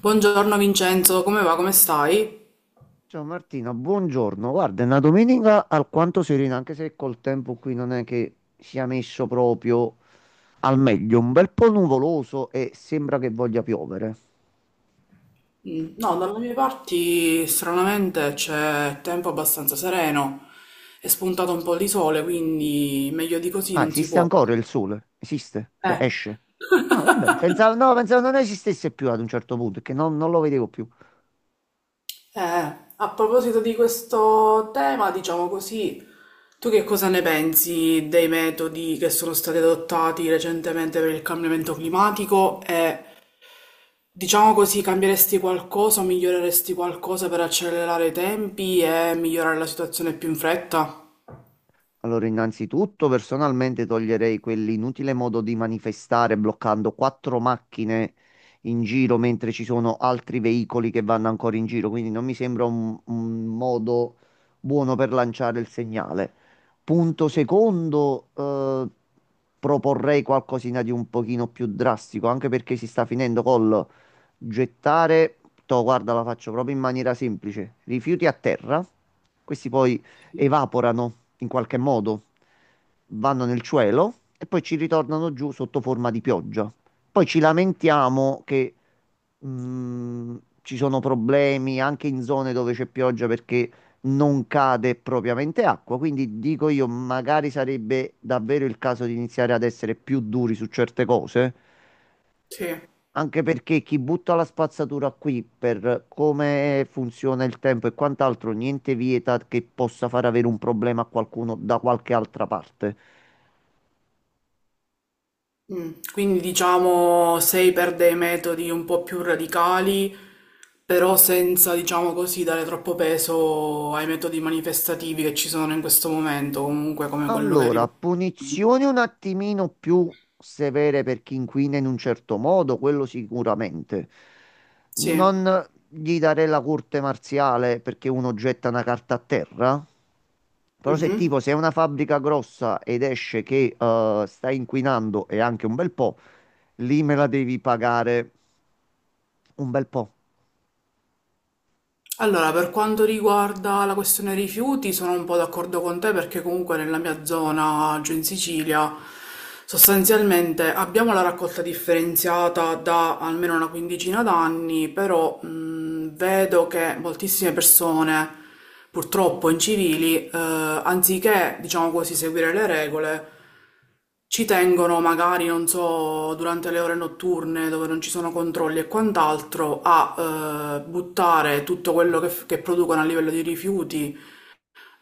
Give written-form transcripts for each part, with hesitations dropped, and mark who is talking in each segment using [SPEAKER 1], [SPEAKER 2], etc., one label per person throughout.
[SPEAKER 1] Buongiorno Vincenzo, come va? Come stai?
[SPEAKER 2] Ciao Martina, buongiorno. Guarda, è una domenica alquanto serena, anche se col tempo qui non è che sia messo proprio al meglio. Un bel po' nuvoloso e sembra che voglia piovere.
[SPEAKER 1] Mm, no, dalle mie parti stranamente c'è tempo abbastanza sereno, è spuntato un po' di sole, quindi meglio di così
[SPEAKER 2] Ah,
[SPEAKER 1] non si
[SPEAKER 2] esiste
[SPEAKER 1] può.
[SPEAKER 2] ancora il sole? Esiste? Cioè,
[SPEAKER 1] Eh.
[SPEAKER 2] esce? Ah, vabbè, pensavo, no, pensavo non esistesse più ad un certo punto, che non lo vedevo più.
[SPEAKER 1] Eh, a proposito di questo tema, diciamo così, tu che cosa ne pensi dei metodi che sono stati adottati recentemente per il cambiamento climatico e diciamo così, cambieresti qualcosa o miglioreresti qualcosa per accelerare i tempi e migliorare la situazione più in fretta?
[SPEAKER 2] Allora, innanzitutto personalmente toglierei quell'inutile modo di manifestare bloccando quattro macchine in giro mentre ci sono altri veicoli che vanno ancora in giro, quindi non mi sembra un modo buono per lanciare il segnale. Punto secondo, proporrei qualcosina di un pochino più drastico, anche perché si sta finendo col gettare, to, guarda, la faccio proprio in maniera semplice, rifiuti a terra, questi poi
[SPEAKER 1] Sì.
[SPEAKER 2] evaporano in qualche modo, vanno nel cielo e poi ci ritornano giù sotto forma di pioggia. Poi ci lamentiamo che mh, ci sono problemi anche in zone dove c'è pioggia perché non cade propriamente acqua. Quindi dico io, magari sarebbe davvero il caso di iniziare ad essere più duri su certe cose
[SPEAKER 1] Sì.
[SPEAKER 2] anche perché chi butta la spazzatura qui per come funziona il tempo e quant'altro, niente vieta che possa far avere un problema a qualcuno da qualche altra parte.
[SPEAKER 1] Mm. Quindi diciamo sei per dei metodi un po' più radicali, però senza, diciamo così, dare troppo peso ai metodi manifestativi che ci sono in questo momento, comunque come quello che
[SPEAKER 2] Allora,
[SPEAKER 1] riporta.
[SPEAKER 2] punizioni un attimino più severe per chi inquina in un certo modo, quello sicuramente.
[SPEAKER 1] Sì.
[SPEAKER 2] Non gli darei la corte marziale perché uno getta una carta a terra. Però se
[SPEAKER 1] Mhm.
[SPEAKER 2] tipo sei una fabbrica grossa ed esce che stai inquinando e anche un bel po', lì me la devi pagare un bel po'
[SPEAKER 1] Allora, per quanto riguarda la questione rifiuti, sono un po' d'accordo con te perché comunque nella mia zona, giù in Sicilia, sostanzialmente abbiamo la raccolta differenziata da almeno una quindicina d'anni, però vedo che moltissime persone, purtroppo incivili, anziché, diciamo così, seguire le regole, ci tengono magari, non so, durante le ore notturne dove non ci sono controlli e quant'altro, a buttare tutto quello che, che producono a livello di rifiuti,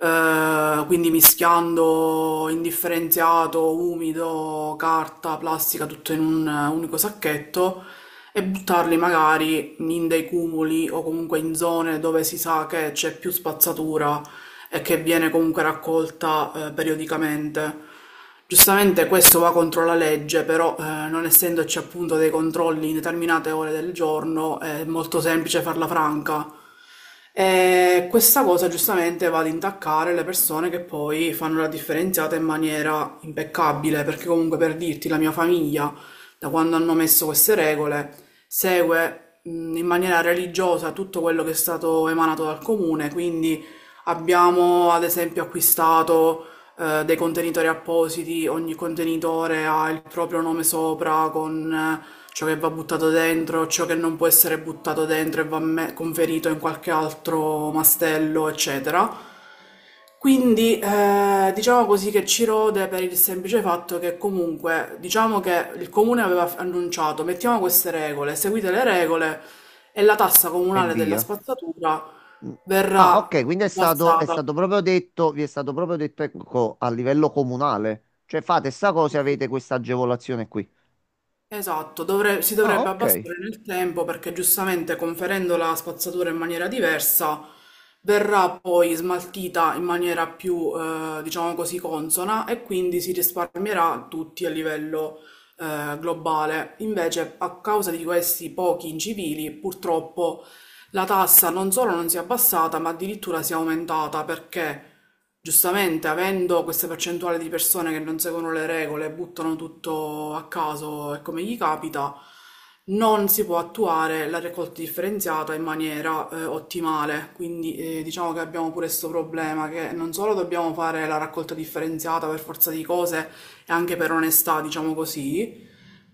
[SPEAKER 1] quindi mischiando indifferenziato, umido, carta, plastica, tutto in un unico sacchetto e buttarli magari in dei cumuli o comunque in zone dove si sa che c'è più spazzatura e che viene comunque raccolta periodicamente. Giustamente questo va contro la legge, però non essendoci appunto dei controlli in determinate ore del giorno è molto semplice farla franca. E questa cosa giustamente va ad intaccare le persone che poi fanno la differenziata in maniera impeccabile, perché comunque, per dirti, la mia famiglia, da quando hanno messo queste regole, segue in maniera religiosa tutto quello che è stato emanato dal comune, quindi abbiamo ad esempio acquistato dei contenitori appositi, ogni contenitore ha il proprio nome sopra con ciò che va buttato dentro, ciò che non può essere buttato dentro e va conferito in qualche altro mastello, eccetera. Quindi diciamo così che ci rode per il semplice fatto che comunque diciamo che il comune aveva annunciato, mettiamo, queste regole, seguite le regole e la tassa
[SPEAKER 2] e
[SPEAKER 1] comunale della
[SPEAKER 2] via.
[SPEAKER 1] spazzatura
[SPEAKER 2] Mm. Ah, ok,
[SPEAKER 1] verrà
[SPEAKER 2] quindi è
[SPEAKER 1] abbassata.
[SPEAKER 2] stato proprio detto, vi è stato proprio detto, ecco, a livello comunale. Cioè fate sta
[SPEAKER 1] Sì,
[SPEAKER 2] cosa e
[SPEAKER 1] sì.
[SPEAKER 2] avete questa agevolazione qui.
[SPEAKER 1] Esatto, si
[SPEAKER 2] Ah,
[SPEAKER 1] dovrebbe
[SPEAKER 2] ok.
[SPEAKER 1] abbassare nel tempo perché giustamente conferendo la spazzatura in maniera diversa verrà poi smaltita in maniera più, diciamo così, consona, e quindi si risparmierà tutti a livello, globale. Invece, a causa di questi pochi incivili, purtroppo la tassa non solo non si è abbassata, ma addirittura si è aumentata, perché, giustamente, avendo questa percentuale di persone che non seguono le regole, buttano tutto a caso e come gli capita, non si può attuare la raccolta differenziata in maniera ottimale. Quindi diciamo che abbiamo pure questo problema, che non solo dobbiamo fare la raccolta differenziata per forza di cose e anche per onestà, diciamo così,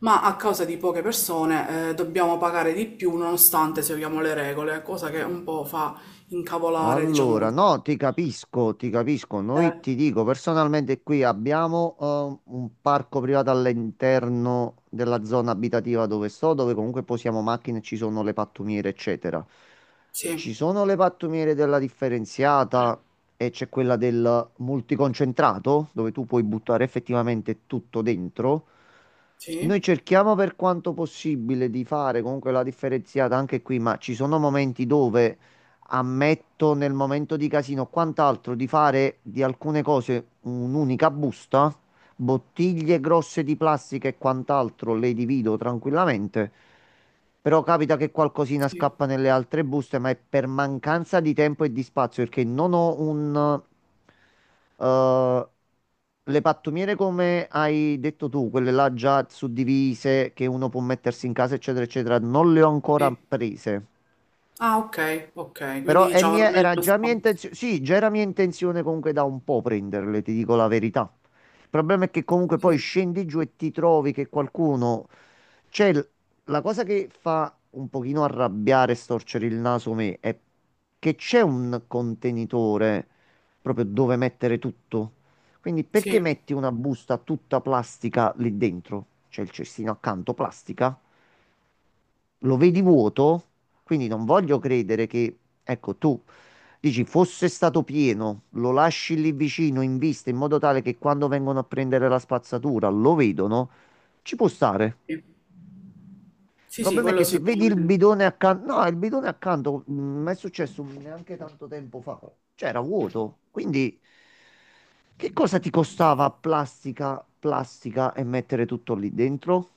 [SPEAKER 1] ma a causa di poche persone dobbiamo pagare di più nonostante seguiamo le regole, cosa che un po' fa incavolare, diciamo
[SPEAKER 2] Allora,
[SPEAKER 1] così.
[SPEAKER 2] no, ti capisco, ti capisco. Noi
[SPEAKER 1] Eh,
[SPEAKER 2] ti dico, personalmente qui abbiamo un parco privato all'interno della zona abitativa dove sto, dove comunque posiamo macchine, e ci sono le pattumiere, eccetera.
[SPEAKER 1] sì.
[SPEAKER 2] Ci sono le pattumiere della differenziata e c'è quella del multiconcentrato, dove tu puoi buttare effettivamente tutto dentro. Noi
[SPEAKER 1] Sì,
[SPEAKER 2] cerchiamo per quanto possibile di fare comunque la differenziata anche qui, ma ci sono momenti dove ammetto nel momento di casino, quant'altro, di fare di alcune cose un'unica busta, bottiglie grosse di plastica e quant'altro le divido tranquillamente. Però capita che qualcosina
[SPEAKER 1] sì,
[SPEAKER 2] scappa nelle altre buste, ma è per mancanza di tempo e di spazio, perché non ho un... eh, le pattumiere, come hai detto tu, quelle là già suddivise, che uno può mettersi in casa, eccetera, eccetera, non le ho ancora
[SPEAKER 1] sì.
[SPEAKER 2] prese.
[SPEAKER 1] Ah, ok, ok, quindi
[SPEAKER 2] Però
[SPEAKER 1] diciamo non è
[SPEAKER 2] era
[SPEAKER 1] uno
[SPEAKER 2] già mia
[SPEAKER 1] spazio.
[SPEAKER 2] intenzione, sì, già era mia intenzione comunque da un po' prenderle, ti dico la verità. Il problema è che comunque poi
[SPEAKER 1] Sì,
[SPEAKER 2] scendi giù e ti trovi che qualcuno... Cioè, la cosa che fa un pochino arrabbiare e storcere il naso me è che c'è un contenitore proprio dove mettere tutto. Quindi perché
[SPEAKER 1] sì,
[SPEAKER 2] metti una busta tutta plastica lì dentro? C'è il cestino accanto, plastica lo vedi vuoto, quindi non voglio credere che, ecco, tu dici fosse stato pieno, lo lasci lì vicino in vista in modo tale che quando vengono a prendere la spazzatura lo vedono, ci può stare.
[SPEAKER 1] sì,
[SPEAKER 2] Il
[SPEAKER 1] sì, sì,
[SPEAKER 2] problema è
[SPEAKER 1] quello
[SPEAKER 2] che se vedi il
[SPEAKER 1] sicuramente.
[SPEAKER 2] bidone accanto, no, il bidone accanto, mi è successo neanche tanto tempo fa, c'era vuoto, quindi che cosa ti costava plastica, plastica e mettere tutto lì dentro?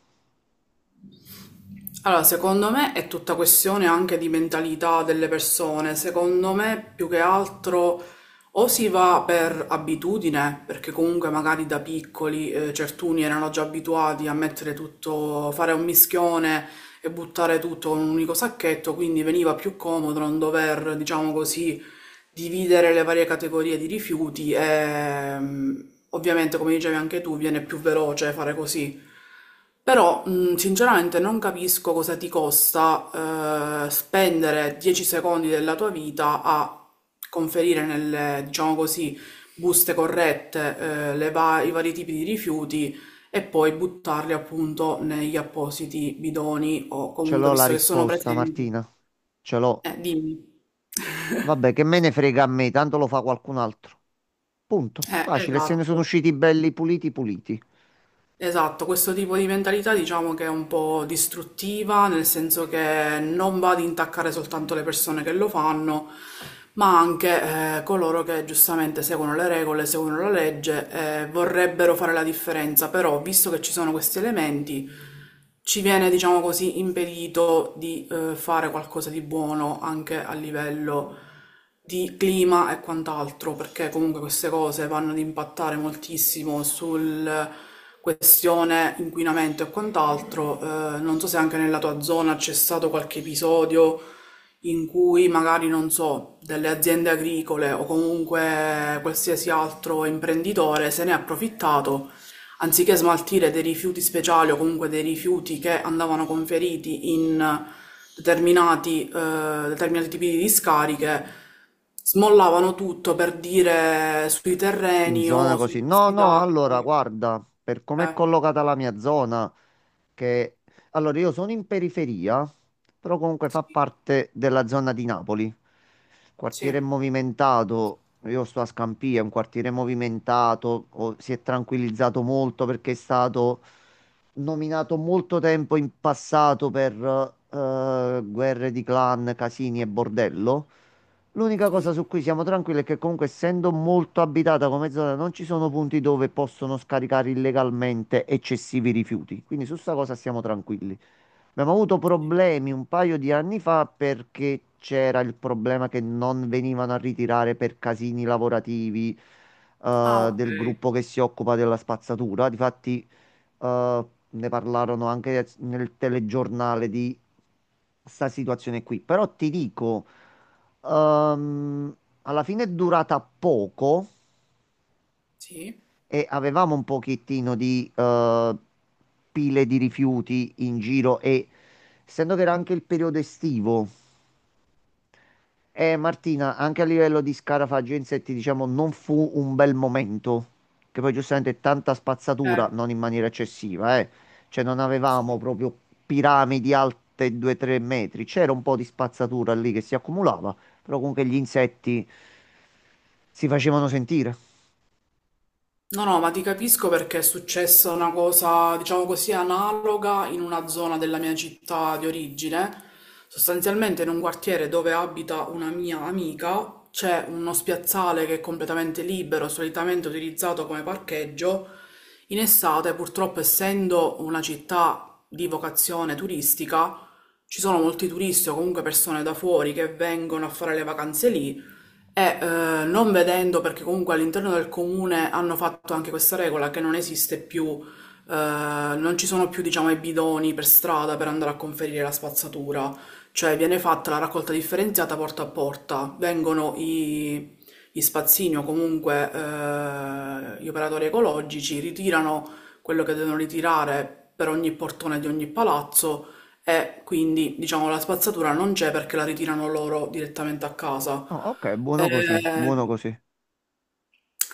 [SPEAKER 1] Allora, secondo me è tutta questione anche di mentalità delle persone. Secondo me, più che altro, o si va per abitudine, perché comunque magari da piccoli certuni erano già abituati a mettere tutto, fare un mischione e buttare tutto in un unico sacchetto, quindi veniva più comodo non dover, diciamo così, dividere le varie categorie di rifiuti e ovviamente, come dicevi anche tu, viene più veloce fare così. Però, sinceramente, non capisco cosa ti costa spendere 10 secondi della tua vita a conferire nelle, diciamo così, buste corrette i vari tipi di rifiuti e poi buttarli appunto negli appositi bidoni o
[SPEAKER 2] Ce
[SPEAKER 1] comunque,
[SPEAKER 2] l'ho la
[SPEAKER 1] visto che sono
[SPEAKER 2] risposta, Martina.
[SPEAKER 1] presenti.
[SPEAKER 2] Ce l'ho.
[SPEAKER 1] Dimmi.
[SPEAKER 2] Vabbè, che me ne frega a me, tanto lo fa qualcun altro. Punto. Facile, se ne sono
[SPEAKER 1] Esatto.
[SPEAKER 2] usciti belli puliti puliti.
[SPEAKER 1] Esatto, questo tipo di mentalità diciamo che è un po' distruttiva, nel senso che non va ad intaccare soltanto le persone che lo fanno, ma anche coloro che giustamente seguono le regole, seguono la legge e vorrebbero fare la differenza, però visto che ci sono questi elementi, ci viene, diciamo così, impedito di fare qualcosa di buono anche a livello di clima e quant'altro, perché comunque queste cose vanno ad impattare moltissimo sul, questione inquinamento e quant'altro. Non so se anche nella tua zona c'è stato qualche episodio in cui magari, non so, delle aziende agricole o comunque qualsiasi altro imprenditore se ne è approfittato anziché smaltire dei rifiuti speciali o comunque dei rifiuti che andavano conferiti in determinati tipi di discariche, smollavano tutto per dire sui
[SPEAKER 2] In
[SPEAKER 1] terreni
[SPEAKER 2] zona
[SPEAKER 1] o sui
[SPEAKER 2] così. No,
[SPEAKER 1] corsi
[SPEAKER 2] no,
[SPEAKER 1] d'acqua.
[SPEAKER 2] allora, guarda, per com'è
[SPEAKER 1] Eh,
[SPEAKER 2] collocata la mia zona, che... Allora, io sono in periferia, però comunque fa
[SPEAKER 1] sì,
[SPEAKER 2] parte della zona di Napoli. Quartiere
[SPEAKER 1] sì,
[SPEAKER 2] movimentato, io sto a Scampia, è un quartiere movimentato, si è tranquillizzato molto perché è stato nominato molto tempo in passato per guerre di clan, casini e bordello. L'unica cosa
[SPEAKER 1] sì,
[SPEAKER 2] su cui siamo tranquilli è che comunque essendo molto abitata come zona non ci sono punti dove possono scaricare illegalmente eccessivi rifiuti. Quindi su sta cosa siamo tranquilli. Abbiamo avuto
[SPEAKER 1] sì.
[SPEAKER 2] problemi un paio di anni fa perché c'era il problema che non venivano a ritirare per casini lavorativi
[SPEAKER 1] Ah, ok.
[SPEAKER 2] del gruppo che si occupa della spazzatura. Difatti, ne parlarono anche nel telegiornale di sta situazione qui. Però ti dico, ehm, alla fine è durata poco
[SPEAKER 1] Sì,
[SPEAKER 2] e avevamo un pochettino di pile di rifiuti in giro e essendo che era anche il periodo estivo, Martina, anche a livello di scarafaggi e insetti, diciamo, non fu un bel momento, che poi giustamente tanta spazzatura,
[SPEAKER 1] eh,
[SPEAKER 2] non in maniera eccessiva, eh. Cioè non avevamo
[SPEAKER 1] sì.
[SPEAKER 2] proprio piramidi alte 2-3 metri, c'era un po' di spazzatura lì che si accumulava, però comunque gli insetti si facevano sentire.
[SPEAKER 1] No, no, ma ti capisco perché è successa una cosa, diciamo così, analoga in una zona della mia città di origine. Sostanzialmente in un quartiere dove abita una mia amica c'è uno spiazzale che è completamente libero, solitamente utilizzato come parcheggio. In estate, purtroppo, essendo una città di vocazione turistica, ci sono molti turisti o comunque persone da fuori che vengono a fare le vacanze lì e non vedendo, perché comunque all'interno del comune hanno fatto anche questa regola che non esiste più, non ci sono più, diciamo, i bidoni per strada per andare a conferire la spazzatura, cioè viene fatta la raccolta differenziata porta a porta, vengono gli spazzini o comunque gli operatori ecologici, ritirano quello che devono ritirare per ogni portone di ogni palazzo e quindi, diciamo, la spazzatura non c'è perché la ritirano loro direttamente a casa.
[SPEAKER 2] Ah, ok, buono così, buono
[SPEAKER 1] Eh,
[SPEAKER 2] così.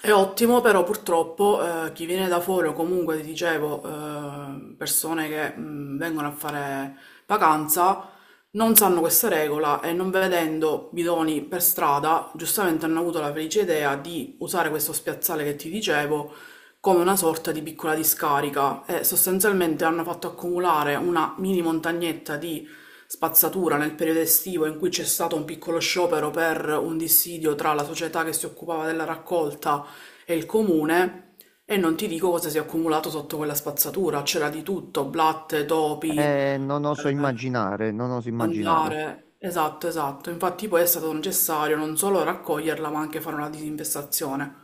[SPEAKER 1] è ottimo, però purtroppo chi viene da fuori o comunque, ti dicevo, persone che vengono a fare vacanza non sanno questa regola e non vedendo bidoni per strada, giustamente hanno avuto la felice idea di usare questo spiazzale che ti dicevo come una sorta di piccola discarica, e sostanzialmente hanno fatto accumulare una mini montagnetta di spazzatura nel periodo estivo in cui c'è stato un piccolo sciopero per un dissidio tra la società che si occupava della raccolta e il comune, e non ti dico cosa si è accumulato sotto quella spazzatura, c'era di tutto, blatte, topi,
[SPEAKER 2] Non oso immaginare, non oso immaginare.
[SPEAKER 1] zanzare. Esatto, esatto. Infatti poi è stato necessario non solo raccoglierla, ma anche fare una disinfestazione.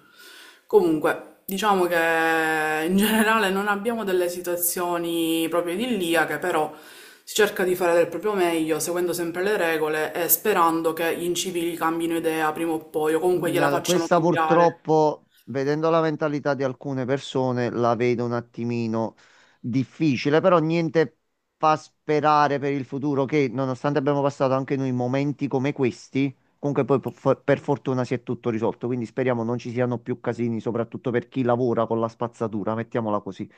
[SPEAKER 1] Comunque, diciamo che in generale non abbiamo delle situazioni proprio idilliache, però si cerca di fare del proprio meglio, seguendo sempre le regole e sperando che gli incivili cambino idea prima o poi, o comunque gliela facciano
[SPEAKER 2] Questa
[SPEAKER 1] cambiare.
[SPEAKER 2] purtroppo, vedendo la mentalità di alcune persone, la vedo un attimino difficile, però niente fa sperare per il futuro che, nonostante abbiamo passato anche noi momenti come questi, comunque poi per fortuna si è tutto risolto, quindi speriamo non ci siano più casini, soprattutto per chi lavora con la spazzatura, mettiamola così.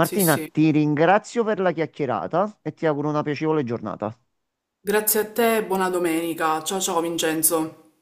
[SPEAKER 1] Sì, sì.
[SPEAKER 2] ti ringrazio per la chiacchierata e ti auguro una piacevole giornata.
[SPEAKER 1] Grazie a te e buona domenica. Ciao ciao Vincenzo.